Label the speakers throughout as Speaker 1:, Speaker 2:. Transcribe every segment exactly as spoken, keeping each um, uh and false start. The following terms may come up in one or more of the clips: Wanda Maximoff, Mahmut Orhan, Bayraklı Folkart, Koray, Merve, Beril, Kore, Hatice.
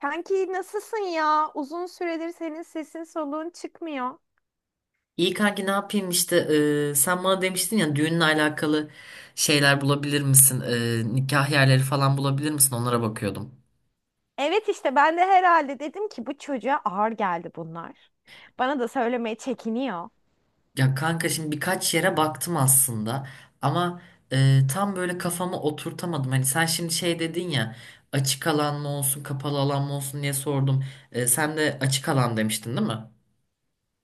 Speaker 1: Kanki nasılsın ya? Uzun süredir senin sesin soluğun çıkmıyor.
Speaker 2: İyi kanki ne yapayım işte. E, sen bana demiştin ya düğünle alakalı şeyler bulabilir misin? E, nikah yerleri falan bulabilir misin? Onlara bakıyordum.
Speaker 1: Evet işte ben de herhalde dedim ki bu çocuğa ağır geldi bunlar. Bana da söylemeye çekiniyor.
Speaker 2: Ya kanka şimdi birkaç yere baktım aslında ama e, tam böyle kafama oturtamadım. Hani sen şimdi şey dedin ya, açık alan mı olsun kapalı alan mı olsun diye sordum. E, sen de açık alan demiştin değil mi?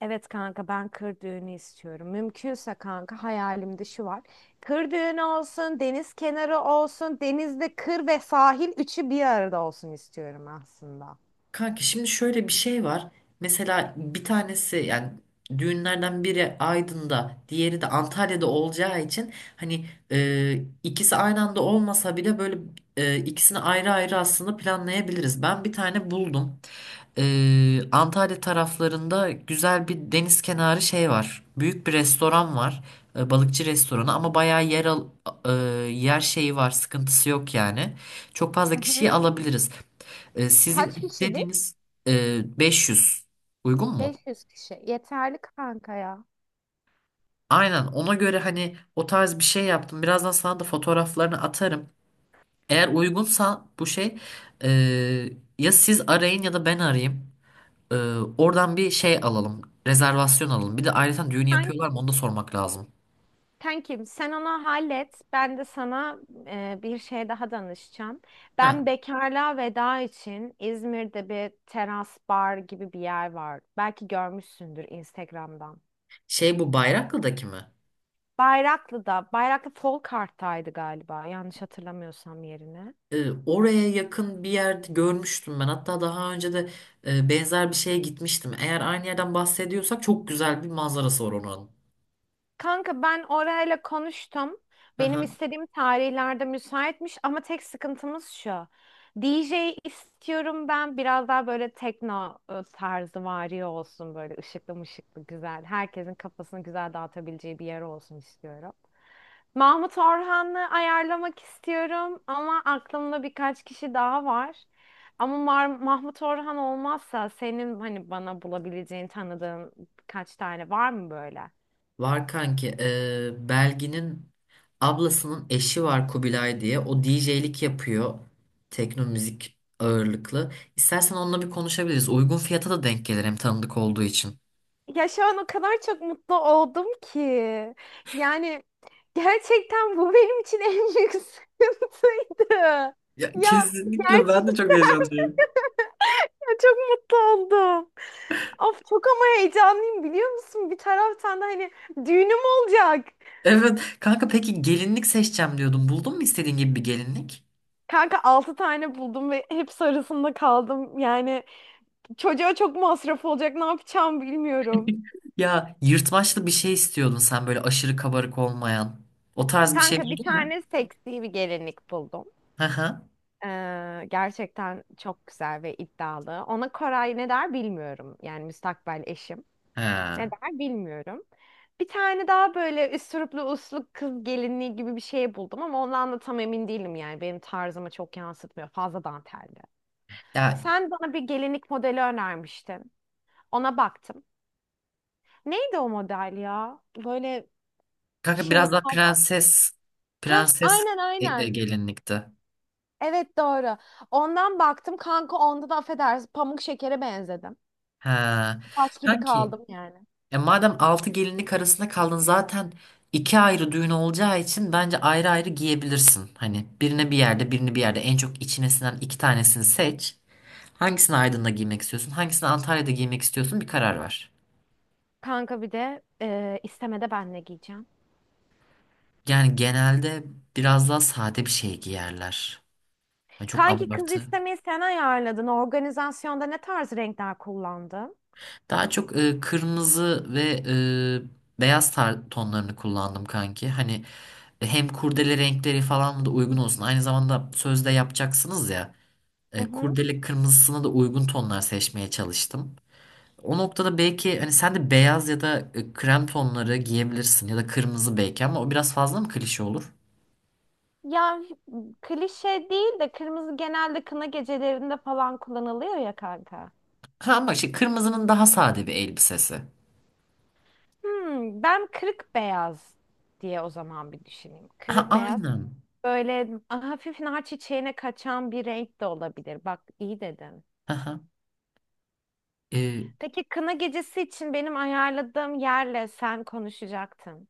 Speaker 1: Evet kanka ben kır düğünü istiyorum. Mümkünse kanka hayalimde şu var. Kır düğünü olsun, deniz kenarı olsun, denizde kır ve sahil üçü bir arada olsun istiyorum aslında.
Speaker 2: Kanki şimdi şöyle bir şey var. Mesela bir tanesi, yani düğünlerden biri Aydın'da, diğeri de Antalya'da olacağı için hani e, ikisi aynı anda olmasa bile böyle e, ikisini ayrı ayrı aslında planlayabiliriz. Ben bir tane buldum. E, Antalya taraflarında güzel bir deniz kenarı şey var. Büyük bir restoran var. E, balıkçı restoranı ama bayağı yer al, e, yer şeyi var, sıkıntısı yok yani. Çok fazla
Speaker 1: Hı hı.
Speaker 2: kişiyi alabiliriz. E, sizin
Speaker 1: Kaç kişilik?
Speaker 2: istediğiniz, e, beş yüz uygun mu?
Speaker 1: beş yüz kişi. Yeterli kanka ya.
Speaker 2: Aynen, ona göre hani o tarz bir şey yaptım. Birazdan sana da fotoğraflarını atarım. Eğer uygunsa bu şey e, ya siz arayın ya da ben arayayım. E, Oradan bir şey alalım. Rezervasyon alalım. Bir de ayrıca düğün yapıyorlar mı onu da sormak lazım.
Speaker 1: Kankim sen onu hallet. Ben de sana e, bir şey daha danışacağım.
Speaker 2: Ha,
Speaker 1: Ben bekarlığa veda için İzmir'de bir teras bar gibi bir yer var. Belki görmüşsündür Instagram'dan.
Speaker 2: şey, bu Bayraklı'daki mi?
Speaker 1: Bayraklı'da, Bayraklı Folkart'taydı galiba yanlış hatırlamıyorsam yerine.
Speaker 2: E, oraya yakın bir yerde görmüştüm ben. Hatta daha önce de e, benzer bir şeye gitmiştim. Eğer aynı yerden bahsediyorsak çok güzel bir manzarası var onun.
Speaker 1: Kanka ben orayla konuştum. Benim
Speaker 2: Aha,
Speaker 1: istediğim tarihlerde müsaitmiş ama tek sıkıntımız şu. D J istiyorum ben biraz daha böyle tekno e, tarzı vari olsun böyle ışıklı mışıklı güzel. Herkesin kafasını güzel dağıtabileceği bir yer olsun istiyorum. Mahmut Orhan'ı ayarlamak istiyorum ama aklımda birkaç kişi daha var. Ama Mar- Mahmut Orhan olmazsa senin hani bana bulabileceğin tanıdığın birkaç tane var mı böyle?
Speaker 2: var kanki. Ee, Belgin'in ablasının eşi var, Kubilay diye. O D J'lik yapıyor. Tekno müzik ağırlıklı. İstersen onunla bir konuşabiliriz. Uygun fiyata da denk gelir hem, tanıdık olduğu için.
Speaker 1: Ya şu an o kadar çok mutlu oldum ki. Yani gerçekten bu benim için en büyük sıkıntıydı.
Speaker 2: Ya
Speaker 1: Ya
Speaker 2: kesinlikle, ben de çok
Speaker 1: gerçekten
Speaker 2: heyecanlıyım.
Speaker 1: ya çok mutlu oldum. Of çok ama heyecanlıyım biliyor musun? Bir taraftan da hani düğünüm olacak.
Speaker 2: Evet kanka, peki gelinlik seçeceğim diyordun. Buldun mu istediğin gibi bir gelinlik?
Speaker 1: Kanka altı tane buldum ve hep arasında kaldım. Yani çocuğa çok masraf olacak ne yapacağım bilmiyorum.
Speaker 2: Ya yırtmaçlı bir şey istiyordun sen, böyle aşırı kabarık olmayan. O tarz bir şey
Speaker 1: Kanka bir
Speaker 2: buldun mu?
Speaker 1: tane seksi bir gelinlik buldum.
Speaker 2: Hı hı.
Speaker 1: Ee, gerçekten çok güzel ve iddialı. Ona Koray ne der bilmiyorum. Yani müstakbel eşim. Ne
Speaker 2: Ha.
Speaker 1: der bilmiyorum. Bir tane daha böyle üsturuplu uslu kız gelinliği gibi bir şey buldum ama ondan da tam emin değilim yani. Benim tarzımı çok yansıtmıyor. Fazla dantelli.
Speaker 2: Ya
Speaker 1: Sen bana bir gelinlik modeli önermiştin. Ona baktım. Neydi o model ya? Böyle
Speaker 2: kanka,
Speaker 1: şey
Speaker 2: biraz daha
Speaker 1: fazla.
Speaker 2: prenses,
Speaker 1: Heh,
Speaker 2: prenses
Speaker 1: aynen
Speaker 2: e- e,
Speaker 1: aynen.
Speaker 2: gelinlikti.
Speaker 1: Evet doğru. Ondan baktım kanka onda da affedersin pamuk şekere benzedim.
Speaker 2: Ha.
Speaker 1: Taş gibi
Speaker 2: Kanki,
Speaker 1: kaldım yani.
Speaker 2: e, madem altı gelinlik arasında kaldın zaten, iki ayrı düğün olacağı için bence ayrı ayrı giyebilirsin. Hani birine bir yerde, birini bir yerde, en çok içine sinen iki tanesini seç. Hangisini Aydın'da giymek istiyorsun? Hangisini Antalya'da giymek istiyorsun? Bir karar ver.
Speaker 1: Kanka bir de e, istemede ben ne giyeceğim?
Speaker 2: Yani genelde biraz daha sade bir şey giyerler. Yani çok
Speaker 1: Kanki kız
Speaker 2: abartı.
Speaker 1: istemeyi sen ayarladın. Organizasyonda ne tarz renkler kullandın?
Speaker 2: Daha çok e, kırmızı ve e, beyaz tar- tonlarını kullandım kanki. Hani hem kurdele renkleri falan da uygun olsun. Aynı zamanda sözde yapacaksınız ya.
Speaker 1: Hı
Speaker 2: E,
Speaker 1: hı.
Speaker 2: kurdele kırmızısına da uygun tonlar seçmeye çalıştım. O noktada belki hani sen de beyaz ya da e, krem tonları giyebilirsin ya da kırmızı belki, ama o biraz fazla mı klişe olur?
Speaker 1: Ya klişe değil de kırmızı genelde kına gecelerinde falan kullanılıyor ya kanka.
Speaker 2: Ha ama şey, kırmızının daha sade bir elbisesi.
Speaker 1: Hmm, ben kırık beyaz diye o zaman bir düşüneyim.
Speaker 2: Ha
Speaker 1: Kırık beyaz
Speaker 2: aynen.
Speaker 1: böyle hafif nar çiçeğine kaçan bir renk de olabilir. Bak iyi dedin.
Speaker 2: Aha. E,
Speaker 1: Peki kına gecesi için benim ayarladığım yerle sen konuşacaktın.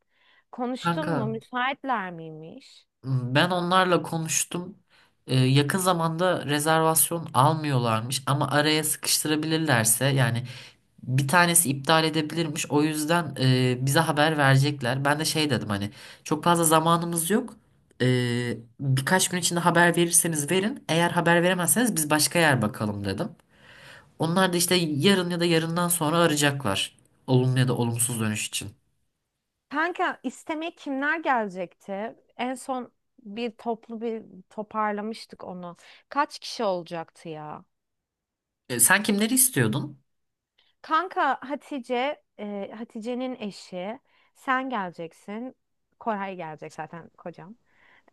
Speaker 1: Konuştun
Speaker 2: Kanka,
Speaker 1: mu? Müsaitler miymiş?
Speaker 2: ben onlarla konuştum. Ee, yakın zamanda rezervasyon almıyorlarmış ama araya sıkıştırabilirlerse yani bir tanesi iptal edebilirmiş. O yüzden e, bize haber verecekler. Ben de şey dedim, hani çok fazla zamanımız yok. Ee, birkaç gün içinde haber verirseniz verin. Eğer haber veremezseniz biz başka yer bakalım dedim. Onlar da işte yarın ya da yarından sonra arayacaklar. Olumlu ya da olumsuz dönüş için.
Speaker 1: Kanka istemeye kimler gelecekti? En son bir toplu bir toparlamıştık onu. Kaç kişi olacaktı ya?
Speaker 2: Ee, sen kimleri istiyordun?
Speaker 1: Kanka Hatice, e, Hatice'nin eşi. Sen geleceksin. Koray gelecek zaten kocam.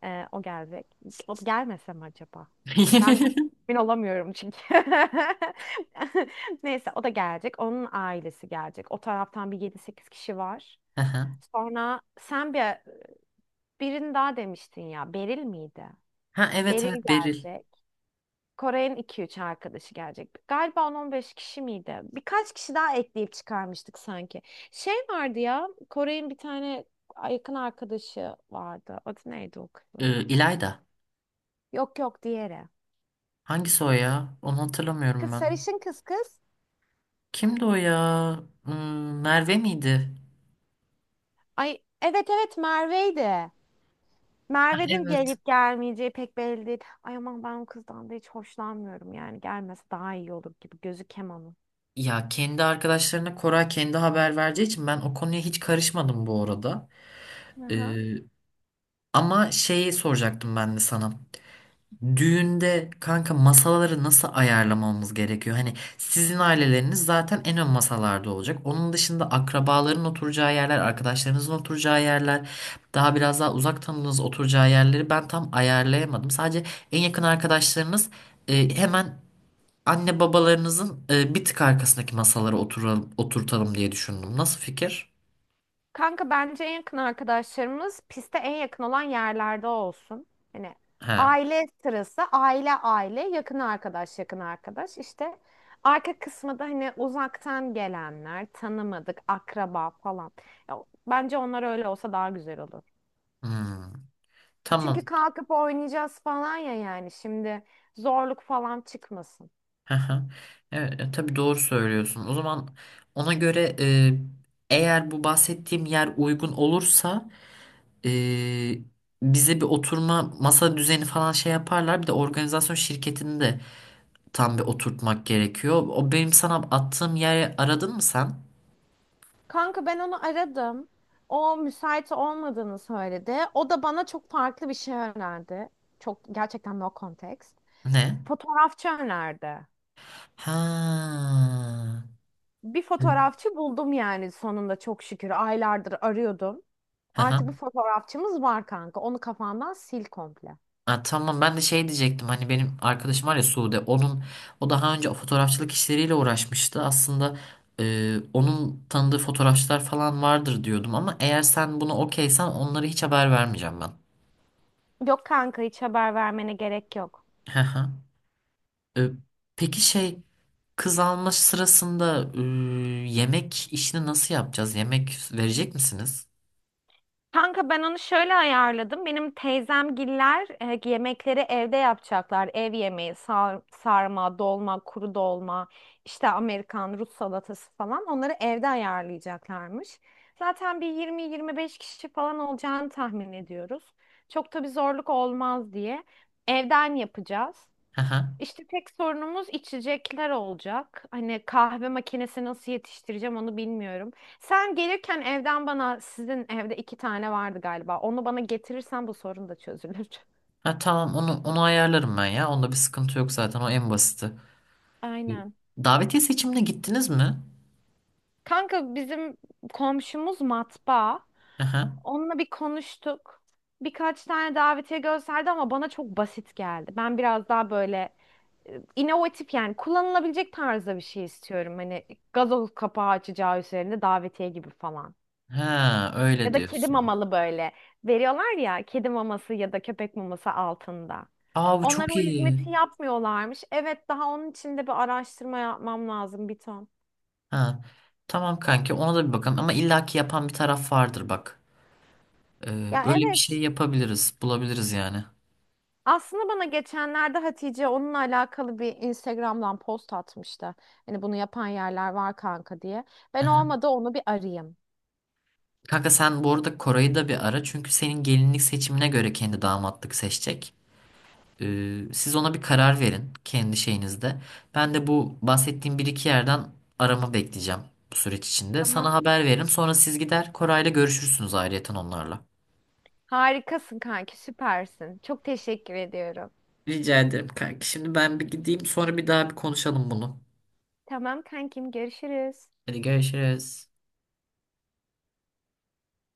Speaker 1: E, o gelecek. O gelmese mi acaba? Ben emin olamıyorum çünkü. Neyse o da gelecek. Onun ailesi gelecek. O taraftan bir yedi sekiz kişi var. Sonra sen bir birini daha demiştin ya. Beril miydi?
Speaker 2: Ha evet
Speaker 1: Beril
Speaker 2: evet, Beril.
Speaker 1: gelecek. Kore'nin iki üç arkadaşı gelecek. Galiba on on beş kişi miydi? Birkaç kişi daha ekleyip çıkarmıştık sanki. Şey vardı ya, Kore'nin bir tane yakın arkadaşı vardı. Adı neydi o kızın?
Speaker 2: Ee, İlayda.
Speaker 1: Yok yok diğeri.
Speaker 2: Hangisi o ya? Onu hatırlamıyorum
Speaker 1: Kız
Speaker 2: ben.
Speaker 1: sarışın kız kız.
Speaker 2: Kimdi o ya? Hmm, Merve miydi?
Speaker 1: Ay evet evet Merve'ydi.
Speaker 2: Ha,
Speaker 1: Merve'nin
Speaker 2: evet.
Speaker 1: gelip gelmeyeceği pek belli değil. Ay aman ben o kızdan da hiç hoşlanmıyorum yani. Gelmese daha iyi olur gibi. Gözü kemanı.
Speaker 2: Ya kendi arkadaşlarına Koray kendi haber vereceği için ben o konuya hiç karışmadım bu arada. Ee, Ama şeyi soracaktım ben de sana. Düğünde kanka, masaları nasıl ayarlamamız gerekiyor? Hani sizin aileleriniz zaten en ön masalarda olacak. Onun dışında akrabaların oturacağı yerler, arkadaşlarınızın oturacağı yerler, daha biraz daha uzak tanıdığınız oturacağı yerleri ben tam ayarlayamadım. Sadece en yakın arkadaşlarınız e, hemen anne babalarınızın e, bir tık arkasındaki masalara oturalım, oturtalım diye düşündüm. Nasıl fikir?
Speaker 1: Kanka bence en yakın arkadaşlarımız piste en yakın olan yerlerde olsun. Hani
Speaker 2: He.
Speaker 1: aile sırası, aile aile, yakın arkadaş, yakın arkadaş. İşte arka kısmı da hani uzaktan gelenler, tanımadık, akraba falan. Ya, bence onlar öyle olsa daha güzel olur.
Speaker 2: Hmm. Tamam.
Speaker 1: Çünkü kalkıp oynayacağız falan ya yani şimdi zorluk falan çıkmasın.
Speaker 2: Hı hı. Evet, e, tabii doğru söylüyorsun. O zaman ona göre, e, eğer bu bahsettiğim yer uygun olursa, e, bize bir oturma masa düzeni falan şey yaparlar. Bir de organizasyon şirketini de tam bir oturtmak gerekiyor. O benim sana attığım yeri aradın mı sen?
Speaker 1: Kanka ben onu aradım. O müsait olmadığını söyledi. O da bana çok farklı bir şey önerdi. Çok gerçekten no context.
Speaker 2: Ne?
Speaker 1: Fotoğrafçı önerdi.
Speaker 2: Ha.
Speaker 1: Bir
Speaker 2: Evet.
Speaker 1: fotoğrafçı buldum yani sonunda çok şükür. Aylardır arıyordum.
Speaker 2: Hı
Speaker 1: Artık
Speaker 2: hı.
Speaker 1: bir fotoğrafçımız var kanka. Onu kafandan sil komple.
Speaker 2: Ha, tamam, ben de şey diyecektim, hani benim arkadaşım var ya Sude, onun, o daha önce fotoğrafçılık işleriyle uğraşmıştı aslında, e, onun tanıdığı fotoğrafçılar falan vardır diyordum ama eğer sen bunu okeysen onlara hiç haber vermeyeceğim ben.
Speaker 1: Yok kanka hiç haber vermene gerek yok.
Speaker 2: Hı hı. E, peki şey, kız alma sırasında e, yemek işini nasıl yapacağız, yemek verecek misiniz?
Speaker 1: Kanka ben onu şöyle ayarladım. Benim teyzemgiller e, yemekleri evde yapacaklar. Ev yemeği, sar- sarma, dolma, kuru dolma, işte Amerikan, Rus salatası falan onları evde ayarlayacaklarmış. Zaten bir yirmi yirmi beş kişi falan olacağını tahmin ediyoruz. Çok da bir zorluk olmaz diye evden yapacağız.
Speaker 2: Hı hı.
Speaker 1: İşte tek sorunumuz içecekler olacak. Hani kahve makinesi nasıl yetiştireceğim onu bilmiyorum. Sen gelirken evden bana sizin evde iki tane vardı galiba. Onu bana getirirsen bu sorun da çözülür.
Speaker 2: Ha, tamam, onu onu ayarlarım ben ya, onda bir sıkıntı yok zaten, o en basiti.
Speaker 1: Aynen.
Speaker 2: Davetiye seçimine gittiniz mi?
Speaker 1: Kanka bizim komşumuz matbaa.
Speaker 2: Hı hı.
Speaker 1: Onunla bir konuştuk. Birkaç tane davetiye gösterdi ama bana çok basit geldi. Ben biraz daha böyle e, inovatif yani kullanılabilecek tarzda bir şey istiyorum. Hani gazoz kapağı açacağı üzerinde davetiye gibi falan.
Speaker 2: Ha, öyle
Speaker 1: Ya da kedi
Speaker 2: diyorsun.
Speaker 1: mamalı böyle veriyorlar ya kedi maması ya da köpek maması altında.
Speaker 2: Aa bu
Speaker 1: Onlar
Speaker 2: çok
Speaker 1: o
Speaker 2: iyi.
Speaker 1: hizmeti yapmıyorlarmış. Evet daha onun için de bir araştırma yapmam lazım bir ton.
Speaker 2: Ha. Tamam kanki, ona da bir bakalım ama illaki yapan bir taraf vardır bak. Ee,
Speaker 1: Ya
Speaker 2: Öyle bir şey
Speaker 1: evet,
Speaker 2: yapabiliriz, bulabiliriz yani.
Speaker 1: aslında bana geçenlerde Hatice onunla alakalı bir Instagram'dan post atmıştı. Hani bunu yapan yerler var kanka diye. Ben
Speaker 2: Aha.
Speaker 1: olmadı onu bir arayayım.
Speaker 2: Kanka sen bu arada Koray'ı da bir ara, çünkü senin gelinlik seçimine göre kendi damatlık seçecek. Ee, siz ona bir karar verin kendi şeyinizde. Ben de bu bahsettiğim bir iki yerden arama bekleyeceğim bu süreç içinde. Sana
Speaker 1: Tamam.
Speaker 2: haber veririm, sonra siz gider Koray'la görüşürsünüz ayrıyeten onlarla.
Speaker 1: Harikasın kanki, süpersin. Çok teşekkür ediyorum.
Speaker 2: Rica ederim kanki. Şimdi ben bir gideyim, sonra bir daha bir konuşalım bunu.
Speaker 1: Tamam kankim, görüşürüz.
Speaker 2: Hadi görüşürüz.